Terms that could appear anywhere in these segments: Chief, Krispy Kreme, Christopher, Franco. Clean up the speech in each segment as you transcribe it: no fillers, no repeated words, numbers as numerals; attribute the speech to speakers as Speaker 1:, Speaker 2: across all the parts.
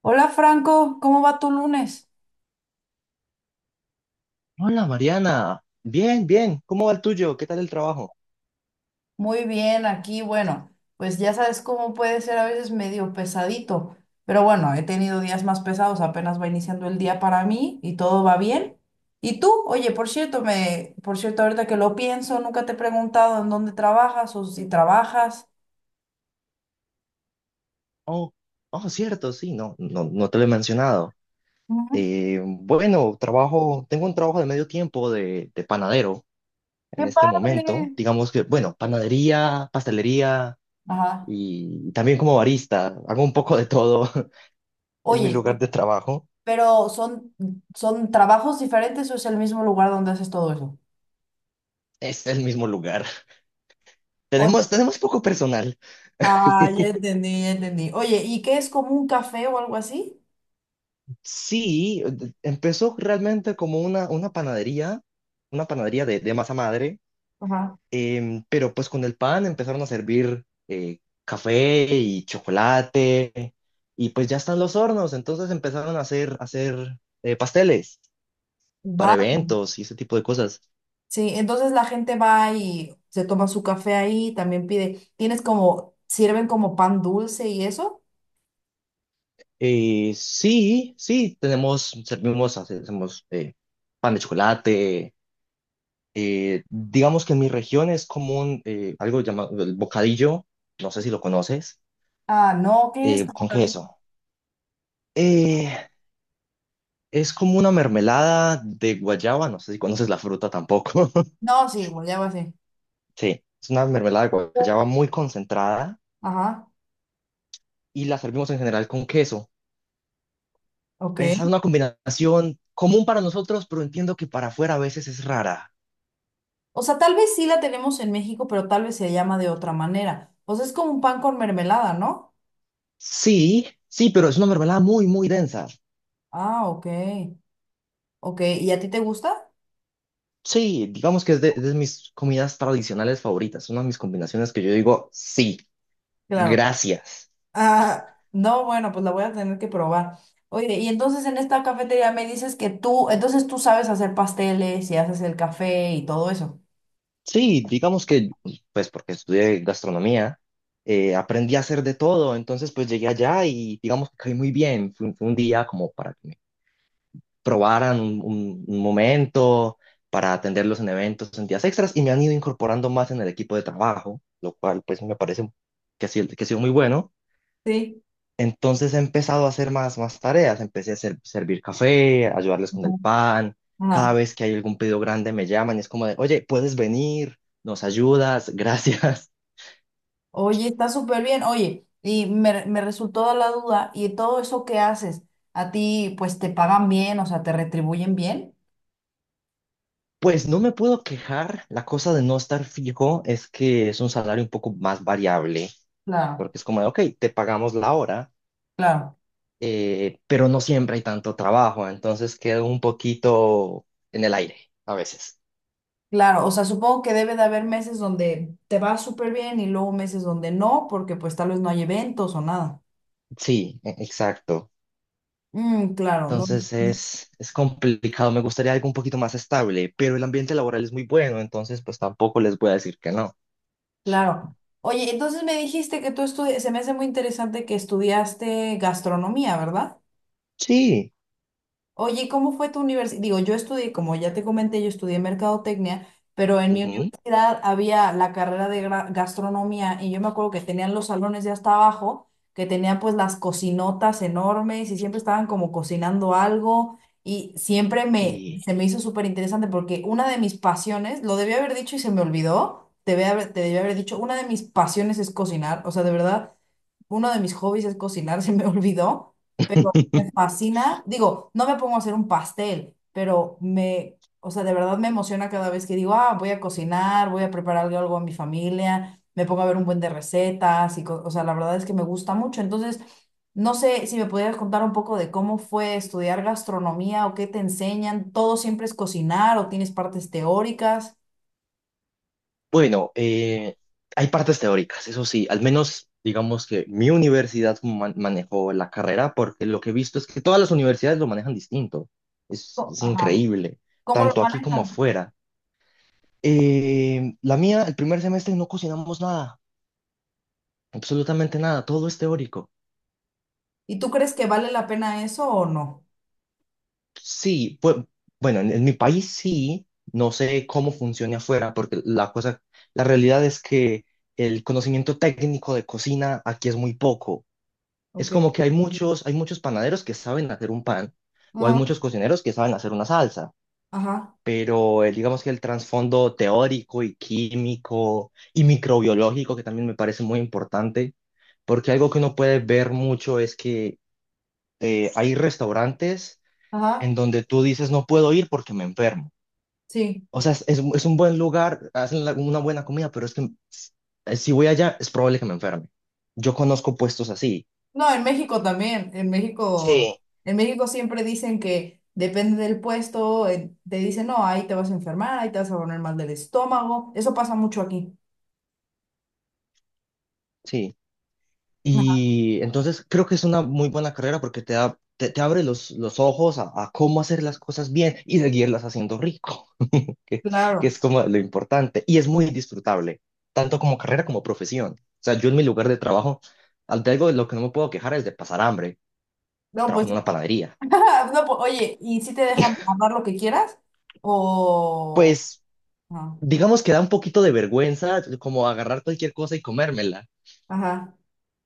Speaker 1: Hola Franco, ¿cómo va tu lunes?
Speaker 2: Hola Mariana, bien, bien, ¿cómo va el tuyo? ¿Qué tal el trabajo?
Speaker 1: Muy bien, aquí, bueno, pues ya sabes cómo puede ser a veces medio pesadito, pero bueno, he tenido días más pesados, apenas va iniciando el día para mí y todo va bien. ¿Y tú? Oye, por cierto, ahorita que lo pienso, nunca te he preguntado en dónde trabajas o si trabajas.
Speaker 2: Oh, oh, cierto, sí, no, no te lo he mencionado.
Speaker 1: Ujú.
Speaker 2: Bueno, trabajo, tengo un trabajo de medio tiempo de panadero
Speaker 1: ¡Qué
Speaker 2: en este momento.
Speaker 1: padre!
Speaker 2: Digamos que, bueno, panadería, pastelería
Speaker 1: Ajá.
Speaker 2: y también como barista. Hago un poco de todo en mi
Speaker 1: Oye,
Speaker 2: lugar de trabajo.
Speaker 1: pero ¿ son trabajos diferentes o es el mismo lugar donde haces todo eso?
Speaker 2: Es el mismo lugar. Tenemos poco personal.
Speaker 1: Ah, ya entendí, ya entendí. Oye, ¿y qué es como un café o algo así?
Speaker 2: Sí, empezó realmente como una panadería de masa madre.
Speaker 1: Ajá.
Speaker 2: Pero pues con el pan empezaron a servir café y chocolate, y pues ya están los hornos, entonces empezaron a hacer pasteles para
Speaker 1: Va,
Speaker 2: eventos y ese tipo de cosas.
Speaker 1: sí, entonces la gente va y se toma su café ahí, también pide, tienes como, sirven como pan dulce y eso.
Speaker 2: Sí, sí, tenemos, servimos, hacemos pan de chocolate. Eh, digamos que en mi región es común algo llamado el bocadillo, no sé si lo conoces,
Speaker 1: Ah, no, ¿qué es?
Speaker 2: con queso. Eh, Es como una mermelada de guayaba, no sé si conoces la fruta tampoco.
Speaker 1: No, sí, bueno, ya va así.
Speaker 2: Sí, es una mermelada de guayaba muy concentrada
Speaker 1: Ajá,
Speaker 2: y la servimos en general con queso.
Speaker 1: ok.
Speaker 2: Esa es una combinación común para nosotros, pero entiendo que para afuera a veces es rara.
Speaker 1: O sea, tal vez sí la tenemos en México, pero tal vez se llama de otra manera. O sea, es como un pan con mermelada, ¿no?
Speaker 2: Sí, sí, pero es una mermelada muy, muy densa.
Speaker 1: Ah, ok, ok. ¿Y a ti te gusta?
Speaker 2: Sí, digamos que es de mis comidas tradicionales favoritas, una de mis combinaciones que yo digo, sí,
Speaker 1: Claro.
Speaker 2: gracias.
Speaker 1: Ah, no, bueno, pues la voy a tener que probar. Oye, y entonces en esta cafetería me dices que tú, entonces tú sabes hacer pasteles y haces el café y todo eso.
Speaker 2: Sí, digamos que, pues porque estudié gastronomía. Eh, aprendí a hacer de todo, entonces pues llegué allá y digamos que caí muy bien. Fue un día como para que me probaran un momento, para atenderlos en eventos, en días extras, y me han ido incorporando más en el equipo de trabajo, lo cual pues me parece que ha sido muy bueno.
Speaker 1: Sí.
Speaker 2: Entonces he empezado a hacer más tareas. Empecé a servir café, ayudarles con el pan. Cada
Speaker 1: Ajá.
Speaker 2: vez que hay algún pedido grande me llaman y es como de, oye, ¿puedes venir? ¿Nos ayudas? Gracias.
Speaker 1: Oye, está súper bien. Oye, y me resultó la duda, ¿y todo eso que haces, a ti pues te pagan bien, o sea, te retribuyen bien?
Speaker 2: Pues no me puedo quejar. La cosa de no estar fijo es que es un salario un poco más variable,
Speaker 1: Claro,
Speaker 2: porque es como de, ok, te pagamos la hora,
Speaker 1: claro,
Speaker 2: pero no siempre hay tanto trabajo. Entonces quedo un poquito en el aire a veces.
Speaker 1: claro. O sea, supongo que debe de haber meses donde te va súper bien y luego meses donde no, porque pues tal vez no hay eventos o nada.
Speaker 2: Sí, exacto.
Speaker 1: Mm, claro, no.
Speaker 2: Entonces es complicado, me gustaría algo un poquito más estable, pero el ambiente laboral es muy bueno, entonces pues tampoco les voy a decir que no.
Speaker 1: Claro. Oye, entonces me dijiste que tú estudias, se me hace muy interesante que estudiaste gastronomía, ¿verdad?
Speaker 2: Sí.
Speaker 1: Oye, ¿y cómo fue tu universidad? Digo, yo estudié, como ya te comenté, yo estudié mercadotecnia, pero en mi
Speaker 2: Ujú.
Speaker 1: universidad había la carrera de gastronomía y yo me acuerdo que tenían los salones de hasta abajo, que tenían pues las cocinotas enormes y siempre estaban como cocinando algo y siempre
Speaker 2: Sí.
Speaker 1: se me hizo súper interesante porque una de mis pasiones, lo debí haber dicho y se me olvidó, te debí haber dicho, una de mis pasiones es cocinar, o sea, de verdad. Uno de mis hobbies es cocinar, se me olvidó, pero me fascina. Digo, no me pongo a hacer un pastel, pero o sea, de verdad me emociona cada vez que digo, ah, voy a cocinar, voy a preparar algo a mi familia, me pongo a ver un buen de recetas y, o sea, la verdad es que me gusta mucho. Entonces, no sé si me pudieras contar un poco de cómo fue estudiar gastronomía o qué te enseñan. ¿Todo siempre es cocinar o tienes partes teóricas?
Speaker 2: Bueno, hay partes teóricas, eso sí, al menos digamos que mi universidad manejó la carrera, porque lo que he visto es que todas las universidades lo manejan distinto. Es
Speaker 1: Ajá.
Speaker 2: increíble,
Speaker 1: ¿Cómo lo
Speaker 2: tanto aquí como
Speaker 1: manejan?
Speaker 2: afuera. La mía, el primer semestre no cocinamos nada, absolutamente nada, todo es teórico.
Speaker 1: ¿Y tú crees que vale la pena eso o no?
Speaker 2: Sí, pues, bueno, en mi país sí, no sé cómo funcione afuera, porque la cosa, la realidad es que el conocimiento técnico de cocina aquí es muy poco. Es
Speaker 1: Ok.
Speaker 2: como que hay muchos panaderos que saben hacer un pan, o hay muchos cocineros que saben hacer una salsa,
Speaker 1: Ajá,
Speaker 2: pero digamos que el trasfondo teórico y químico y microbiológico, que también me parece muy importante, porque algo que uno puede ver mucho es que hay restaurantes en
Speaker 1: ajá,
Speaker 2: donde tú dices, no puedo ir porque me enfermo.
Speaker 1: sí.
Speaker 2: O sea, es un buen lugar, hacen una buena comida, pero es que si voy allá es probable que me enferme. Yo conozco puestos así.
Speaker 1: No, en México también,
Speaker 2: Sí,
Speaker 1: en México siempre dicen que depende del puesto, te dicen, no, ahí te vas a enfermar, ahí te vas a poner mal del estómago, eso pasa mucho aquí.
Speaker 2: sí.
Speaker 1: Ajá,
Speaker 2: Y entonces creo que es una muy buena carrera porque te da, te abre los ojos a cómo hacer las cosas bien y seguirlas haciendo rico, que, que
Speaker 1: claro.
Speaker 2: es como lo importante. Y es muy disfrutable, tanto como carrera como profesión. O sea, yo en mi lugar de trabajo, de algo de lo que no me puedo quejar es de pasar hambre.
Speaker 1: No,
Speaker 2: Trabajo
Speaker 1: pues,
Speaker 2: en una panadería.
Speaker 1: no, pues, oye, ¿y si te dejan hablar lo que quieras? O...
Speaker 2: Pues
Speaker 1: no.
Speaker 2: digamos que da un poquito de vergüenza como agarrar cualquier cosa y comérmela,
Speaker 1: Ajá,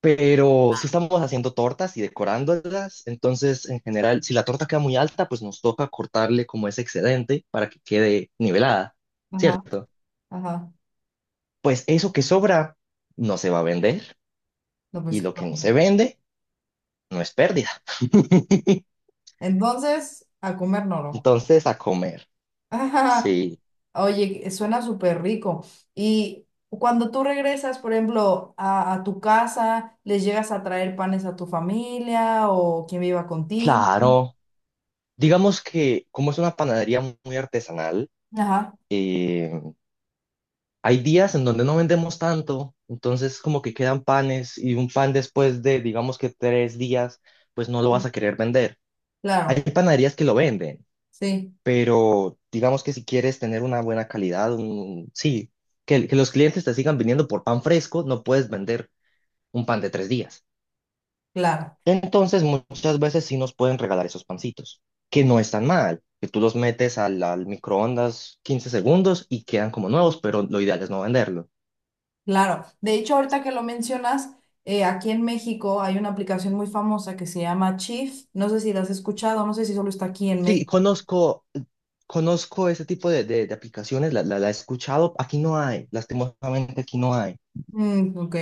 Speaker 2: pero si estamos haciendo tortas y decorándolas, entonces en general, si la torta queda muy alta, pues nos toca cortarle como ese excedente para que quede nivelada,
Speaker 1: ajá,
Speaker 2: ¿cierto?
Speaker 1: ajá.
Speaker 2: Pues eso que sobra no se va a vender,
Speaker 1: No,
Speaker 2: y
Speaker 1: pues,
Speaker 2: lo que no
Speaker 1: claro.
Speaker 2: se vende no es pérdida.
Speaker 1: Entonces, a comer noro.
Speaker 2: Entonces a comer, sí,
Speaker 1: Oye, suena súper rico. Y cuando tú regresas, por ejemplo, a tu casa, ¿les llegas a traer panes a tu familia o quien viva contigo?
Speaker 2: claro. Digamos que como es una panadería muy artesanal,
Speaker 1: Ajá.
Speaker 2: eh, hay días en donde no vendemos tanto, entonces como que quedan panes, y un pan después de, digamos que 3 días, pues no lo vas a querer vender. Hay
Speaker 1: Claro,
Speaker 2: panaderías que lo venden,
Speaker 1: sí,
Speaker 2: pero digamos que si quieres tener una buena calidad, sí, que los clientes te sigan viniendo por pan fresco, no puedes vender un pan de 3 días.
Speaker 1: claro,
Speaker 2: Entonces muchas veces sí nos pueden regalar esos pancitos, que no están mal, que tú los metes al microondas 15 segundos y quedan como nuevos, pero lo ideal es no venderlos.
Speaker 1: claro. De hecho, ahorita que lo mencionas, aquí en México hay una aplicación muy famosa que se llama Chief. No sé si la has escuchado, no sé si solo está aquí en
Speaker 2: Sí,
Speaker 1: México.
Speaker 2: conozco, conozco ese tipo de aplicaciones, la he escuchado. Aquí no hay, lastimosamente aquí no hay,
Speaker 1: Mm, ok.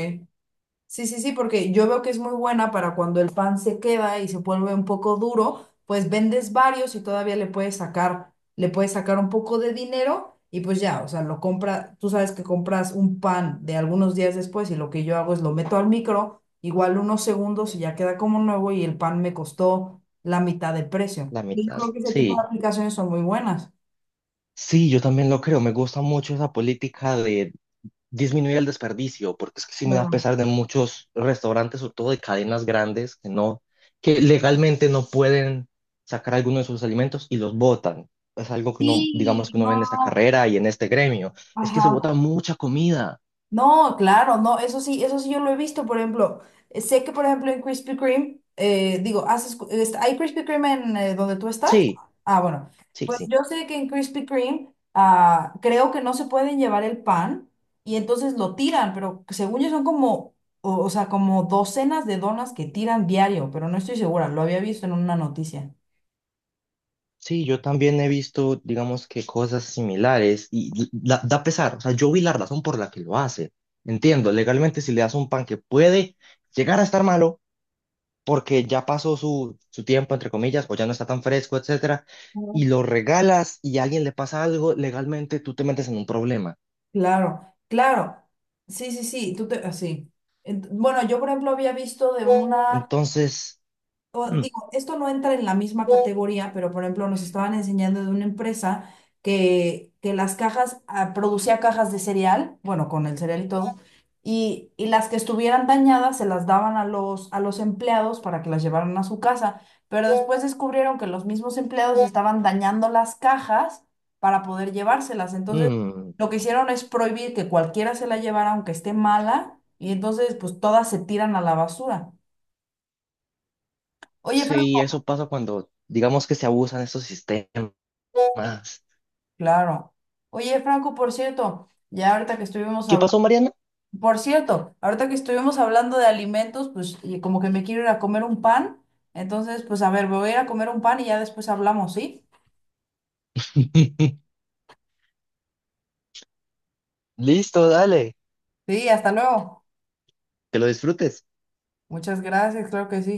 Speaker 1: Sí, sí, sí, porque yo veo que es muy buena para cuando el pan se queda y se vuelve un poco duro, pues vendes varios y todavía le puedes sacar un poco de dinero y pues ya, o sea, lo compra, tú sabes que compras un pan de algunos días después y lo que yo hago es lo meto al micro, igual unos segundos y ya queda como nuevo y el pan me costó la mitad de precio.
Speaker 2: la
Speaker 1: Y yo
Speaker 2: mitad.
Speaker 1: creo que ese tipo de
Speaker 2: Sí,
Speaker 1: aplicaciones son muy buenas.
Speaker 2: sí, yo también lo creo. Me gusta mucho esa política de disminuir el desperdicio, porque es que sí me da
Speaker 1: Claro.
Speaker 2: pesar de muchos restaurantes, sobre todo de cadenas grandes, que no, que legalmente no pueden sacar alguno de sus alimentos y los botan. Es algo que uno, digamos
Speaker 1: Sí,
Speaker 2: que uno
Speaker 1: no,
Speaker 2: ve en esta
Speaker 1: no,
Speaker 2: carrera y en este gremio. Es que se
Speaker 1: ajá.
Speaker 2: bota mucha comida.
Speaker 1: No, claro, no, eso sí yo lo he visto, por ejemplo, sé que por ejemplo en Krispy Kreme, digo, ¿hay Krispy Kreme en donde tú estás?
Speaker 2: Sí,
Speaker 1: Ah, bueno,
Speaker 2: sí,
Speaker 1: pues
Speaker 2: sí.
Speaker 1: yo sé que en Krispy Kreme ah, creo que no se pueden llevar el pan y entonces lo tiran, pero según yo son como, o sea, como docenas de donas que tiran diario, pero no estoy segura, lo había visto en una noticia.
Speaker 2: Sí, yo también he visto, digamos que cosas similares, y da pesar, o sea, yo vi la razón por la que lo hace. Entiendo, legalmente si le das un pan que puede llegar a estar malo porque ya pasó su tiempo, entre comillas, o ya no está tan fresco, etcétera, y lo regalas y a alguien le pasa algo, legalmente tú te metes en un problema.
Speaker 1: Claro, claro. Sí, sí, sí, tú te, así. Bueno, yo por ejemplo había visto de una
Speaker 2: Entonces,
Speaker 1: o
Speaker 2: mm,
Speaker 1: digo, esto no entra en la misma categoría, pero por ejemplo nos estaban enseñando de una empresa que las cajas, ah, producía cajas de cereal, bueno, con el cereal y todo, y las que estuvieran dañadas se las daban a a los empleados para que las llevaran a su casa, pero después descubrieron que los mismos empleados estaban dañando las cajas para poder llevárselas. Entonces,
Speaker 2: mm,
Speaker 1: lo que hicieron es prohibir que cualquiera se la llevara, aunque esté mala, y entonces pues todas se tiran a la basura. Oye,
Speaker 2: sí,
Speaker 1: Franco.
Speaker 2: eso pasa cuando, digamos que se abusan estos sistemas.
Speaker 1: Claro. Oye, Franco, por cierto, ya ahorita que estuvimos
Speaker 2: ¿Qué
Speaker 1: hablando,
Speaker 2: pasó, Mariana?
Speaker 1: por cierto, ahorita que estuvimos hablando de alimentos, pues y como que me quiero ir a comer un pan, entonces, pues a ver, me voy a ir a comer un pan y ya después hablamos, ¿sí?
Speaker 2: Listo, dale,
Speaker 1: Sí, hasta luego.
Speaker 2: que lo disfrutes.
Speaker 1: Muchas gracias, claro que sí.